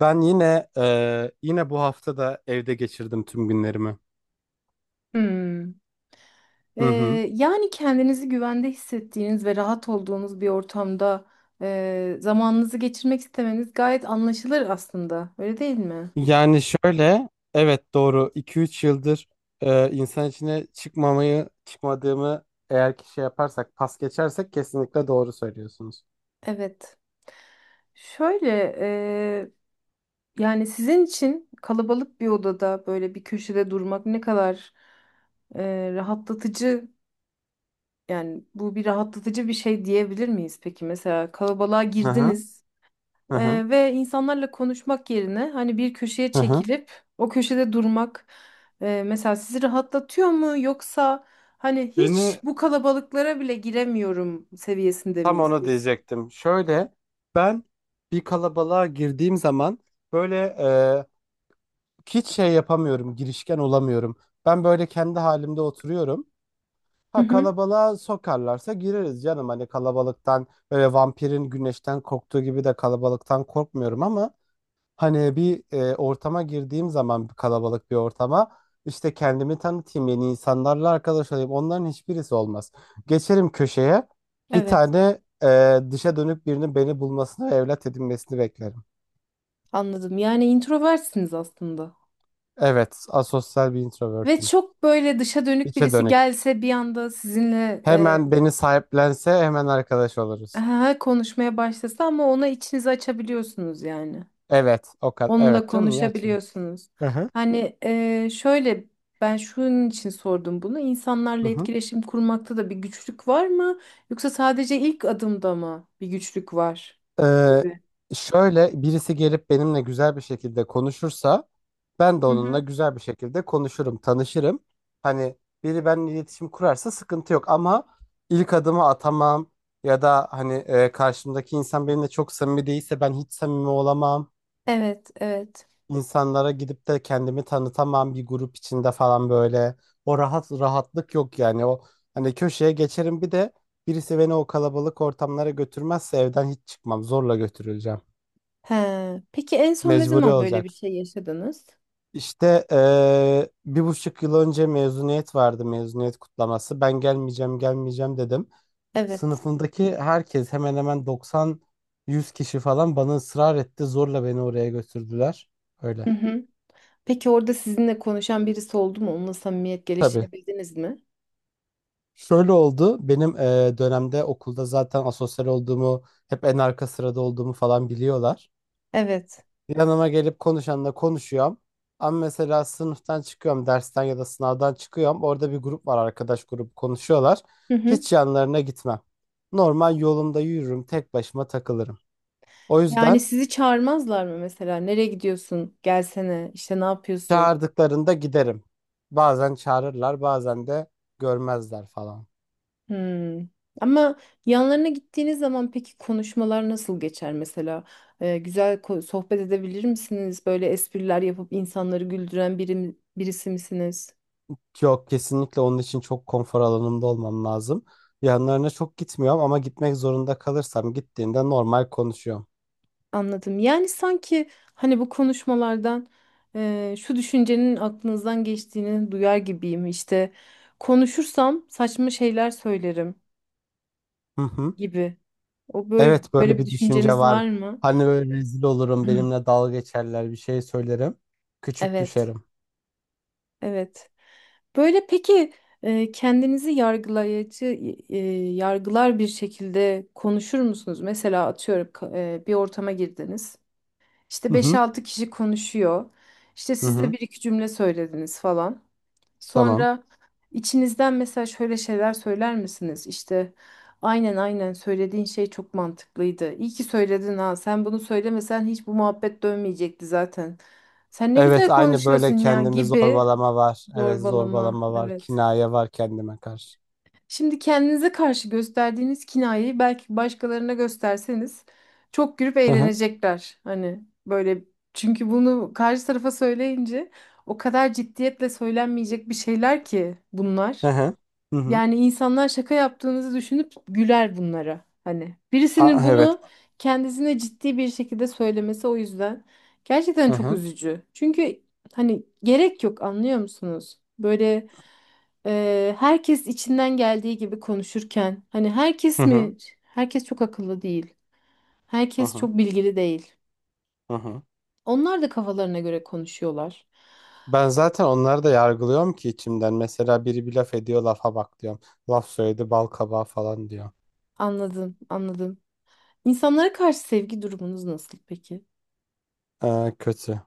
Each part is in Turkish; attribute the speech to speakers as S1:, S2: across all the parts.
S1: Ben yine yine bu hafta da evde geçirdim tüm günlerimi.
S2: Hmm. Ee,
S1: Hı hı.
S2: Yani kendinizi güvende hissettiğiniz ve rahat olduğunuz bir ortamda zamanınızı geçirmek istemeniz gayet anlaşılır aslında. Öyle değil mi?
S1: Yani şöyle, evet doğru iki üç yıldır insan içine çıkmamayı çıkmadığımı eğer ki şey yaparsak pas geçersek kesinlikle doğru söylüyorsunuz.
S2: Evet. Şöyle e, Yani sizin için kalabalık bir odada böyle bir köşede durmak ne kadar rahatlatıcı, yani bu bir rahatlatıcı bir şey diyebilir miyiz peki? Mesela kalabalığa
S1: Hı hı,
S2: girdiniz.
S1: hı hı,
S2: Ve insanlarla konuşmak yerine hani bir köşeye
S1: hı hı.
S2: çekilip o köşede durmak mesela sizi rahatlatıyor mu, yoksa hani hiç
S1: Beni
S2: bu kalabalıklara bile giremiyorum seviyesinde
S1: tam
S2: miyiz
S1: onu
S2: biz?
S1: diyecektim. Şöyle ben bir kalabalığa girdiğim zaman böyle hiç şey yapamıyorum, girişken olamıyorum. Ben böyle kendi halimde oturuyorum.
S2: Hı
S1: Ha
S2: hı.
S1: kalabalığa sokarlarsa gireriz canım. Hani kalabalıktan böyle vampirin güneşten korktuğu gibi de kalabalıktan korkmuyorum ama hani bir ortama girdiğim zaman bir kalabalık bir ortama işte kendimi tanıtayım yeni insanlarla arkadaş olayım onların hiçbirisi olmaz. Geçerim köşeye, bir
S2: Evet,
S1: tane dışa dönük birinin beni bulmasını ve evlat edinmesini beklerim.
S2: anladım. Yani introversiniz aslında.
S1: Evet asosyal bir
S2: Ve
S1: introvertim.
S2: çok böyle dışa dönük
S1: İçe
S2: birisi
S1: dönük.
S2: gelse bir anda sizinle
S1: Hemen beni sahiplense hemen arkadaş oluruz.
S2: konuşmaya başlasa ama ona içinizi açabiliyorsunuz yani.
S1: Evet o kadar.
S2: Onunla
S1: Evet canım niye açayım?
S2: konuşabiliyorsunuz.
S1: Aha,
S2: Şöyle, ben şunun için sordum bunu. İnsanlarla
S1: aha.
S2: etkileşim kurmakta da bir güçlük var mı? Yoksa sadece ilk adımda mı bir güçlük var?
S1: Ee,
S2: Gibi.
S1: Şöyle birisi gelip benimle güzel bir şekilde konuşursa ben de
S2: Hı
S1: onunla
S2: hı.
S1: güzel bir şekilde konuşurum, tanışırım. Hani biri benimle iletişim kurarsa sıkıntı yok ama ilk adımı atamam ya da hani karşımdaki insan benimle çok samimi değilse ben hiç samimi olamam.
S2: Evet, evet.
S1: İnsanlara gidip de kendimi tanıtamam bir grup içinde falan böyle. O rahatlık yok yani. O hani köşeye geçerim, bir de birisi beni o kalabalık ortamlara götürmezse evden hiç çıkmam. Zorla götürüleceğim.
S2: He. Peki en son ne
S1: Mecburi
S2: zaman böyle bir
S1: olacak.
S2: şey yaşadınız?
S1: İşte bir buçuk yıl önce mezuniyet vardı, mezuniyet kutlaması. Ben gelmeyeceğim, gelmeyeceğim dedim.
S2: Evet.
S1: Sınıfımdaki herkes hemen hemen 90-100 kişi falan bana ısrar etti. Zorla beni oraya götürdüler.
S2: Hı
S1: Öyle.
S2: hı. Peki orada sizinle konuşan birisi oldu mu? Onunla samimiyet
S1: Tabii.
S2: geliştirebildiniz mi?
S1: Şöyle oldu. Benim dönemde okulda zaten asosyal olduğumu, hep en arka sırada olduğumu falan biliyorlar.
S2: Evet.
S1: Yanıma gelip konuşanla konuşuyorum. Ama mesela sınıftan çıkıyorum, dersten ya da sınavdan çıkıyorum. Orada bir grup var, arkadaş grubu konuşuyorlar.
S2: Hı hı.
S1: Hiç yanlarına gitmem. Normal yolumda yürürüm, tek başıma takılırım. O
S2: Yani
S1: yüzden
S2: sizi çağırmazlar mı mesela? Nereye gidiyorsun? Gelsene. İşte ne yapıyorsun?
S1: çağırdıklarında giderim. Bazen çağırırlar, bazen de görmezler falan.
S2: Hmm. Ama yanlarına gittiğiniz zaman peki konuşmalar nasıl geçer mesela? Güzel sohbet edebilir misiniz? Böyle espriler yapıp insanları güldüren birisi misiniz?
S1: Yok, kesinlikle onun için çok konfor alanımda olmam lazım. Yanlarına çok gitmiyorum ama gitmek zorunda kalırsam gittiğinde normal konuşuyorum.
S2: Anladım. Yani sanki hani bu konuşmalardan şu düşüncenin aklınızdan geçtiğini duyar gibiyim. İşte konuşursam saçma şeyler söylerim
S1: Hı hı.
S2: gibi. O böyle
S1: Evet
S2: böyle
S1: böyle
S2: bir
S1: bir düşünce
S2: düşünceniz
S1: var.
S2: var mı?
S1: Hani böyle rezil olurum, benimle dalga geçerler, bir şey söylerim. Küçük
S2: Evet,
S1: düşerim.
S2: evet. Böyle peki kendinizi e, yargılar bir şekilde konuşur musunuz? Mesela atıyorum bir ortama girdiniz. İşte
S1: Hı hı.
S2: beş-altı kişi konuşuyor. İşte
S1: Hı
S2: siz de
S1: hı.
S2: bir iki cümle söylediniz falan.
S1: Tamam.
S2: Sonra içinizden mesela şöyle şeyler söyler misiniz? İşte aynen, söylediğin şey çok mantıklıydı. İyi ki söyledin ha. Sen bunu söylemesen hiç bu muhabbet dönmeyecekti zaten. Sen ne
S1: Evet
S2: güzel
S1: aynı böyle
S2: konuşuyorsun ya
S1: kendimi
S2: gibi
S1: zorbalama var. Evet
S2: zorbalama.
S1: zorbalama var.
S2: Evet.
S1: Kinaye var kendime karşı.
S2: Şimdi kendinize karşı gösterdiğiniz kinayeyi belki başkalarına gösterseniz çok gülüp
S1: Hı hı.
S2: eğlenecekler. Hani böyle, çünkü bunu karşı tarafa söyleyince o kadar ciddiyetle söylenmeyecek bir şeyler ki
S1: Hı
S2: bunlar.
S1: hı. Hı hı.
S2: Yani insanlar şaka yaptığınızı düşünüp güler bunlara. Hani
S1: Aa,
S2: birisinin
S1: evet.
S2: bunu kendisine ciddi bir şekilde söylemesi o yüzden gerçekten
S1: Hı
S2: çok
S1: hı.
S2: üzücü. Çünkü hani gerek yok, anlıyor musunuz? Böyle herkes içinden geldiği gibi konuşurken, hani
S1: Hı
S2: herkes
S1: hı.
S2: mi? Herkes çok akıllı değil.
S1: Hı
S2: Herkes
S1: hı.
S2: çok bilgili değil.
S1: Hı hı.
S2: Onlar da kafalarına göre konuşuyorlar.
S1: Ben zaten onları da yargılıyorum ki içimden. Mesela biri bir laf ediyor, lafa bak diyorum. Laf söyledi bal kabağı falan diyor.
S2: Anladım, anladım. İnsanlara karşı sevgi durumunuz nasıl peki?
S1: Kötü.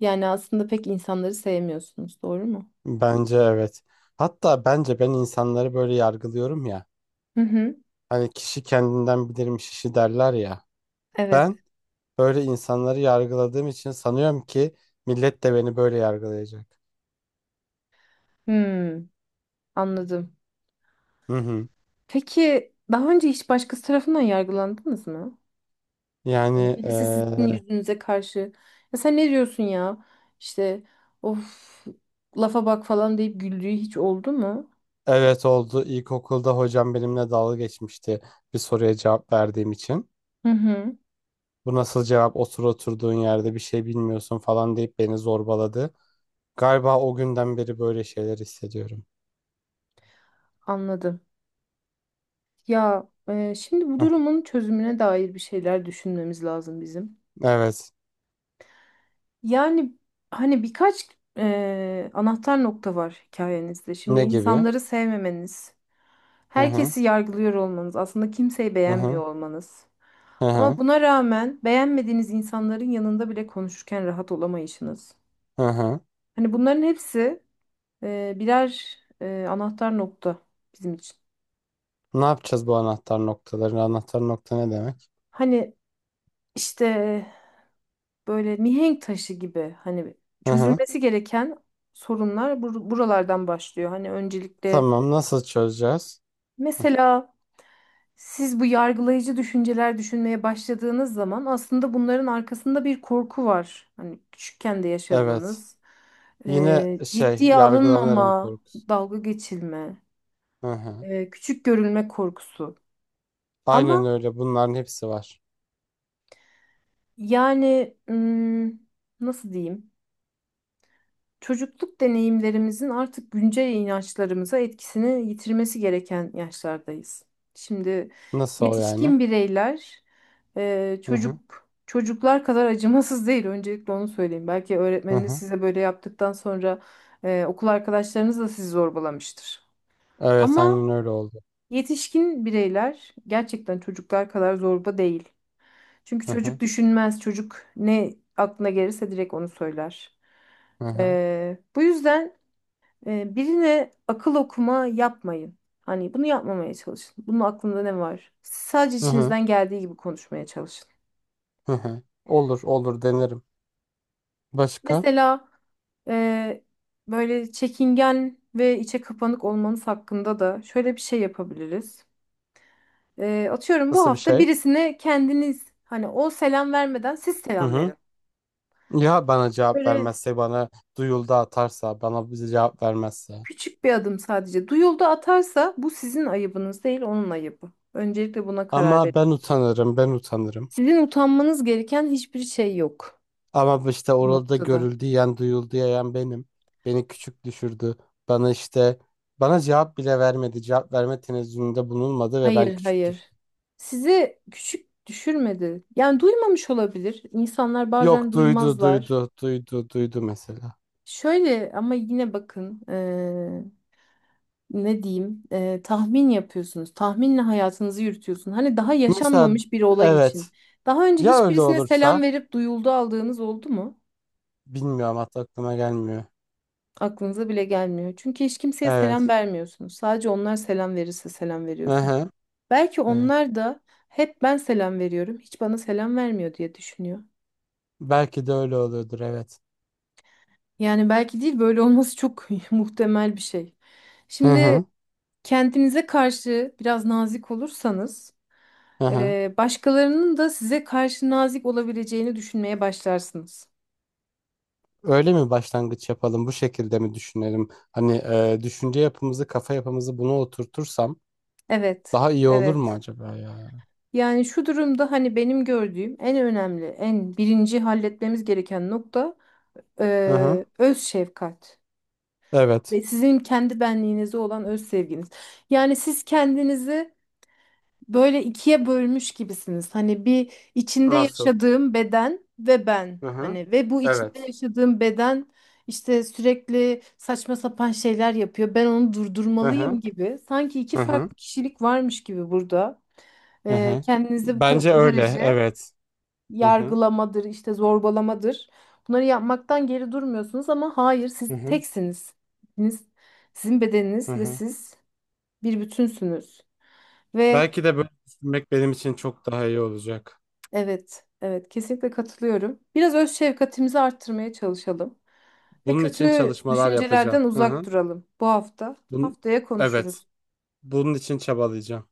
S2: Yani aslında pek insanları sevmiyorsunuz, doğru mu?
S1: Bence evet. Hatta bence ben insanları böyle yargılıyorum ya.
S2: Hı hı.
S1: Hani kişi kendinden bilirmiş işi derler ya.
S2: Evet.
S1: Ben böyle insanları yargıladığım için sanıyorum ki millet de beni böyle yargılayacak.
S2: Hmm, anladım.
S1: Hı hı.
S2: Peki daha önce hiç başkası tarafından yargılandınız mı? Yani
S1: Yani
S2: birisi sizin yüzünüze karşı ya sen ne diyorsun ya? İşte of, lafa bak falan deyip güldüğü hiç oldu mu?
S1: evet oldu. İlkokulda hocam benimle dalga geçmişti bir soruya cevap verdiğim için.
S2: Hı hı.
S1: Bu nasıl cevap? Otur oturduğun yerde bir şey bilmiyorsun falan deyip beni zorbaladı. Galiba o günden beri böyle şeyler hissediyorum.
S2: Anladım. Ya şimdi bu
S1: Heh,
S2: durumun çözümüne dair bir şeyler düşünmemiz lazım bizim.
S1: evet.
S2: Yani hani birkaç anahtar nokta var hikayenizde. Şimdi
S1: Ne gibi?
S2: insanları sevmemeniz,
S1: Hı hı.
S2: herkesi yargılıyor olmanız, aslında kimseyi
S1: Hı hı.
S2: beğenmiyor olmanız.
S1: Hı
S2: Ama
S1: hı.
S2: buna rağmen beğenmediğiniz insanların yanında bile konuşurken rahat olamayışınız.
S1: Hı hı.
S2: Hani bunların hepsi birer anahtar nokta bizim için.
S1: Ne yapacağız bu anahtar noktaları? Anahtar nokta ne demek?
S2: Hani işte böyle mihenk taşı gibi, hani
S1: Hı hı.
S2: çözülmesi gereken sorunlar buralardan başlıyor. Hani öncelikle
S1: Tamam. Nasıl çözeceğiz?
S2: mesela siz bu yargılayıcı düşünceler düşünmeye başladığınız zaman aslında bunların arkasında bir korku var. Hani küçükken de
S1: Evet.
S2: yaşadığınız
S1: Yine şey
S2: ciddiye
S1: yargılanırım
S2: alınmama,
S1: korkusu.
S2: dalga geçilme,
S1: Hı hı.
S2: küçük görülme korkusu.
S1: Aynen
S2: Ama
S1: öyle. Bunların hepsi var.
S2: yani hmm, nasıl diyeyim? Çocukluk deneyimlerimizin artık güncel inançlarımıza etkisini yitirmesi gereken yaşlardayız. Şimdi
S1: Nasıl yani?
S2: yetişkin bireyler
S1: Hı hı.
S2: çocuklar kadar acımasız değil. Öncelikle onu söyleyeyim. Belki
S1: Hı
S2: öğretmeniniz
S1: hı.
S2: size böyle yaptıktan sonra okul arkadaşlarınız da sizi zorbalamıştır.
S1: Evet
S2: Ama
S1: aynen öyle oldu.
S2: yetişkin bireyler gerçekten çocuklar kadar zorba değil. Çünkü
S1: Hı hı.
S2: çocuk düşünmez. Çocuk ne aklına gelirse direkt onu söyler.
S1: Hı hı.
S2: Bu yüzden, birine akıl okuma yapmayın. Hani bunu yapmamaya çalışın. Bunun aklında ne var? Siz sadece
S1: Hı hı.
S2: içinizden geldiği gibi konuşmaya çalışın.
S1: Hı hı. Olur olur, denerim. Başka?
S2: Mesela e, böyle çekingen ve içe kapanık olmanız hakkında da şöyle bir şey yapabiliriz. Atıyorum bu
S1: Nasıl bir
S2: hafta
S1: şey?
S2: birisine kendiniz, hani o selam vermeden siz
S1: Hı
S2: selam
S1: hı.
S2: verin.
S1: Ya bana cevap
S2: Böyle
S1: vermezse, bana duyuldu atarsa, bana bize cevap vermezse.
S2: küçük bir adım sadece. Duyuldu atarsa bu sizin ayıbınız değil, onun ayıbı. Öncelikle buna karar
S1: Ama
S2: verin.
S1: ben utanırım, ben utanırım.
S2: Sizin utanmanız gereken hiçbir şey yok
S1: Ama işte
S2: bu
S1: orada
S2: noktada.
S1: görüldü yiyen, duyuldu yiyen benim. Beni küçük düşürdü. Bana işte bana cevap bile vermedi. Cevap verme tenezzülünde bulunmadı ve ben
S2: Hayır,
S1: küçük
S2: hayır.
S1: düştüm.
S2: Sizi küçük düşürmedi. Yani duymamış olabilir. İnsanlar bazen
S1: Yok duydu,
S2: duymazlar.
S1: duydu, duydu, duydu mesela.
S2: Şöyle ama yine bakın ne diyeyim tahmin yapıyorsunuz. Tahminle hayatınızı yürütüyorsun. Hani daha
S1: Mesela
S2: yaşanmamış bir olay
S1: evet,
S2: için. Daha önce
S1: ya öyle
S2: hiçbirisine selam
S1: olursa
S2: verip duyuldu aldığınız oldu mu?
S1: bilmiyorum, hatta aklıma gelmiyor.
S2: Aklınıza bile gelmiyor. Çünkü hiç kimseye selam
S1: Evet.
S2: vermiyorsunuz. Sadece onlar selam verirse selam
S1: Hı
S2: veriyorsunuz.
S1: hı.
S2: Belki
S1: Evet.
S2: onlar da hep ben selam veriyorum, hiç bana selam vermiyor diye düşünüyor.
S1: Belki de öyle oluyordur, evet.
S2: Yani belki değil, böyle olması çok muhtemel bir şey.
S1: Hı
S2: Şimdi
S1: hı.
S2: kendinize karşı biraz nazik olursanız,
S1: Hı hı.
S2: başkalarının da size karşı nazik olabileceğini düşünmeye başlarsınız.
S1: Öyle mi, başlangıç yapalım? Bu şekilde mi düşünelim? Hani düşünce yapımızı, kafa yapımızı buna oturtursam
S2: Evet,
S1: daha iyi olur mu
S2: evet.
S1: acaba ya?
S2: Yani şu durumda hani benim gördüğüm en önemli, en birinci halletmemiz gereken nokta
S1: Hı hı.
S2: öz şefkat.
S1: Evet.
S2: Ve sizin kendi benliğinize olan öz sevginiz. Yani siz kendinizi böyle ikiye bölmüş gibisiniz. Hani bir, içinde
S1: Nasıl?
S2: yaşadığım beden ve ben.
S1: Hı hı.
S2: Hani ve bu içinde
S1: Evet.
S2: yaşadığım beden işte sürekli saçma sapan şeyler yapıyor. Ben onu
S1: Hı hı.
S2: durdurmalıyım gibi. Sanki iki
S1: Hı hı.
S2: farklı kişilik varmış gibi burada.
S1: Hı hı.
S2: Kendinize
S1: Bence
S2: bu
S1: öyle.
S2: derece
S1: Evet. Hı hı.
S2: yargılamadır, işte zorbalamadır. Bunları yapmaktan geri durmuyorsunuz, ama hayır
S1: Hı
S2: siz
S1: hı.
S2: teksiniz. Siz, sizin
S1: Hı
S2: bedeniniz ve
S1: hı.
S2: siz bir bütünsünüz. Ve
S1: Belki de böyle düşünmek benim için çok daha iyi olacak.
S2: evet, evet kesinlikle katılıyorum. Biraz öz şefkatimizi arttırmaya çalışalım. Ve
S1: Bunun için
S2: kötü
S1: çalışmalar yapacağım.
S2: düşüncelerden
S1: Hı
S2: uzak
S1: hı.
S2: duralım bu hafta.
S1: Bun
S2: Haftaya
S1: evet.
S2: konuşuruz.
S1: Bunun için çabalayacağım.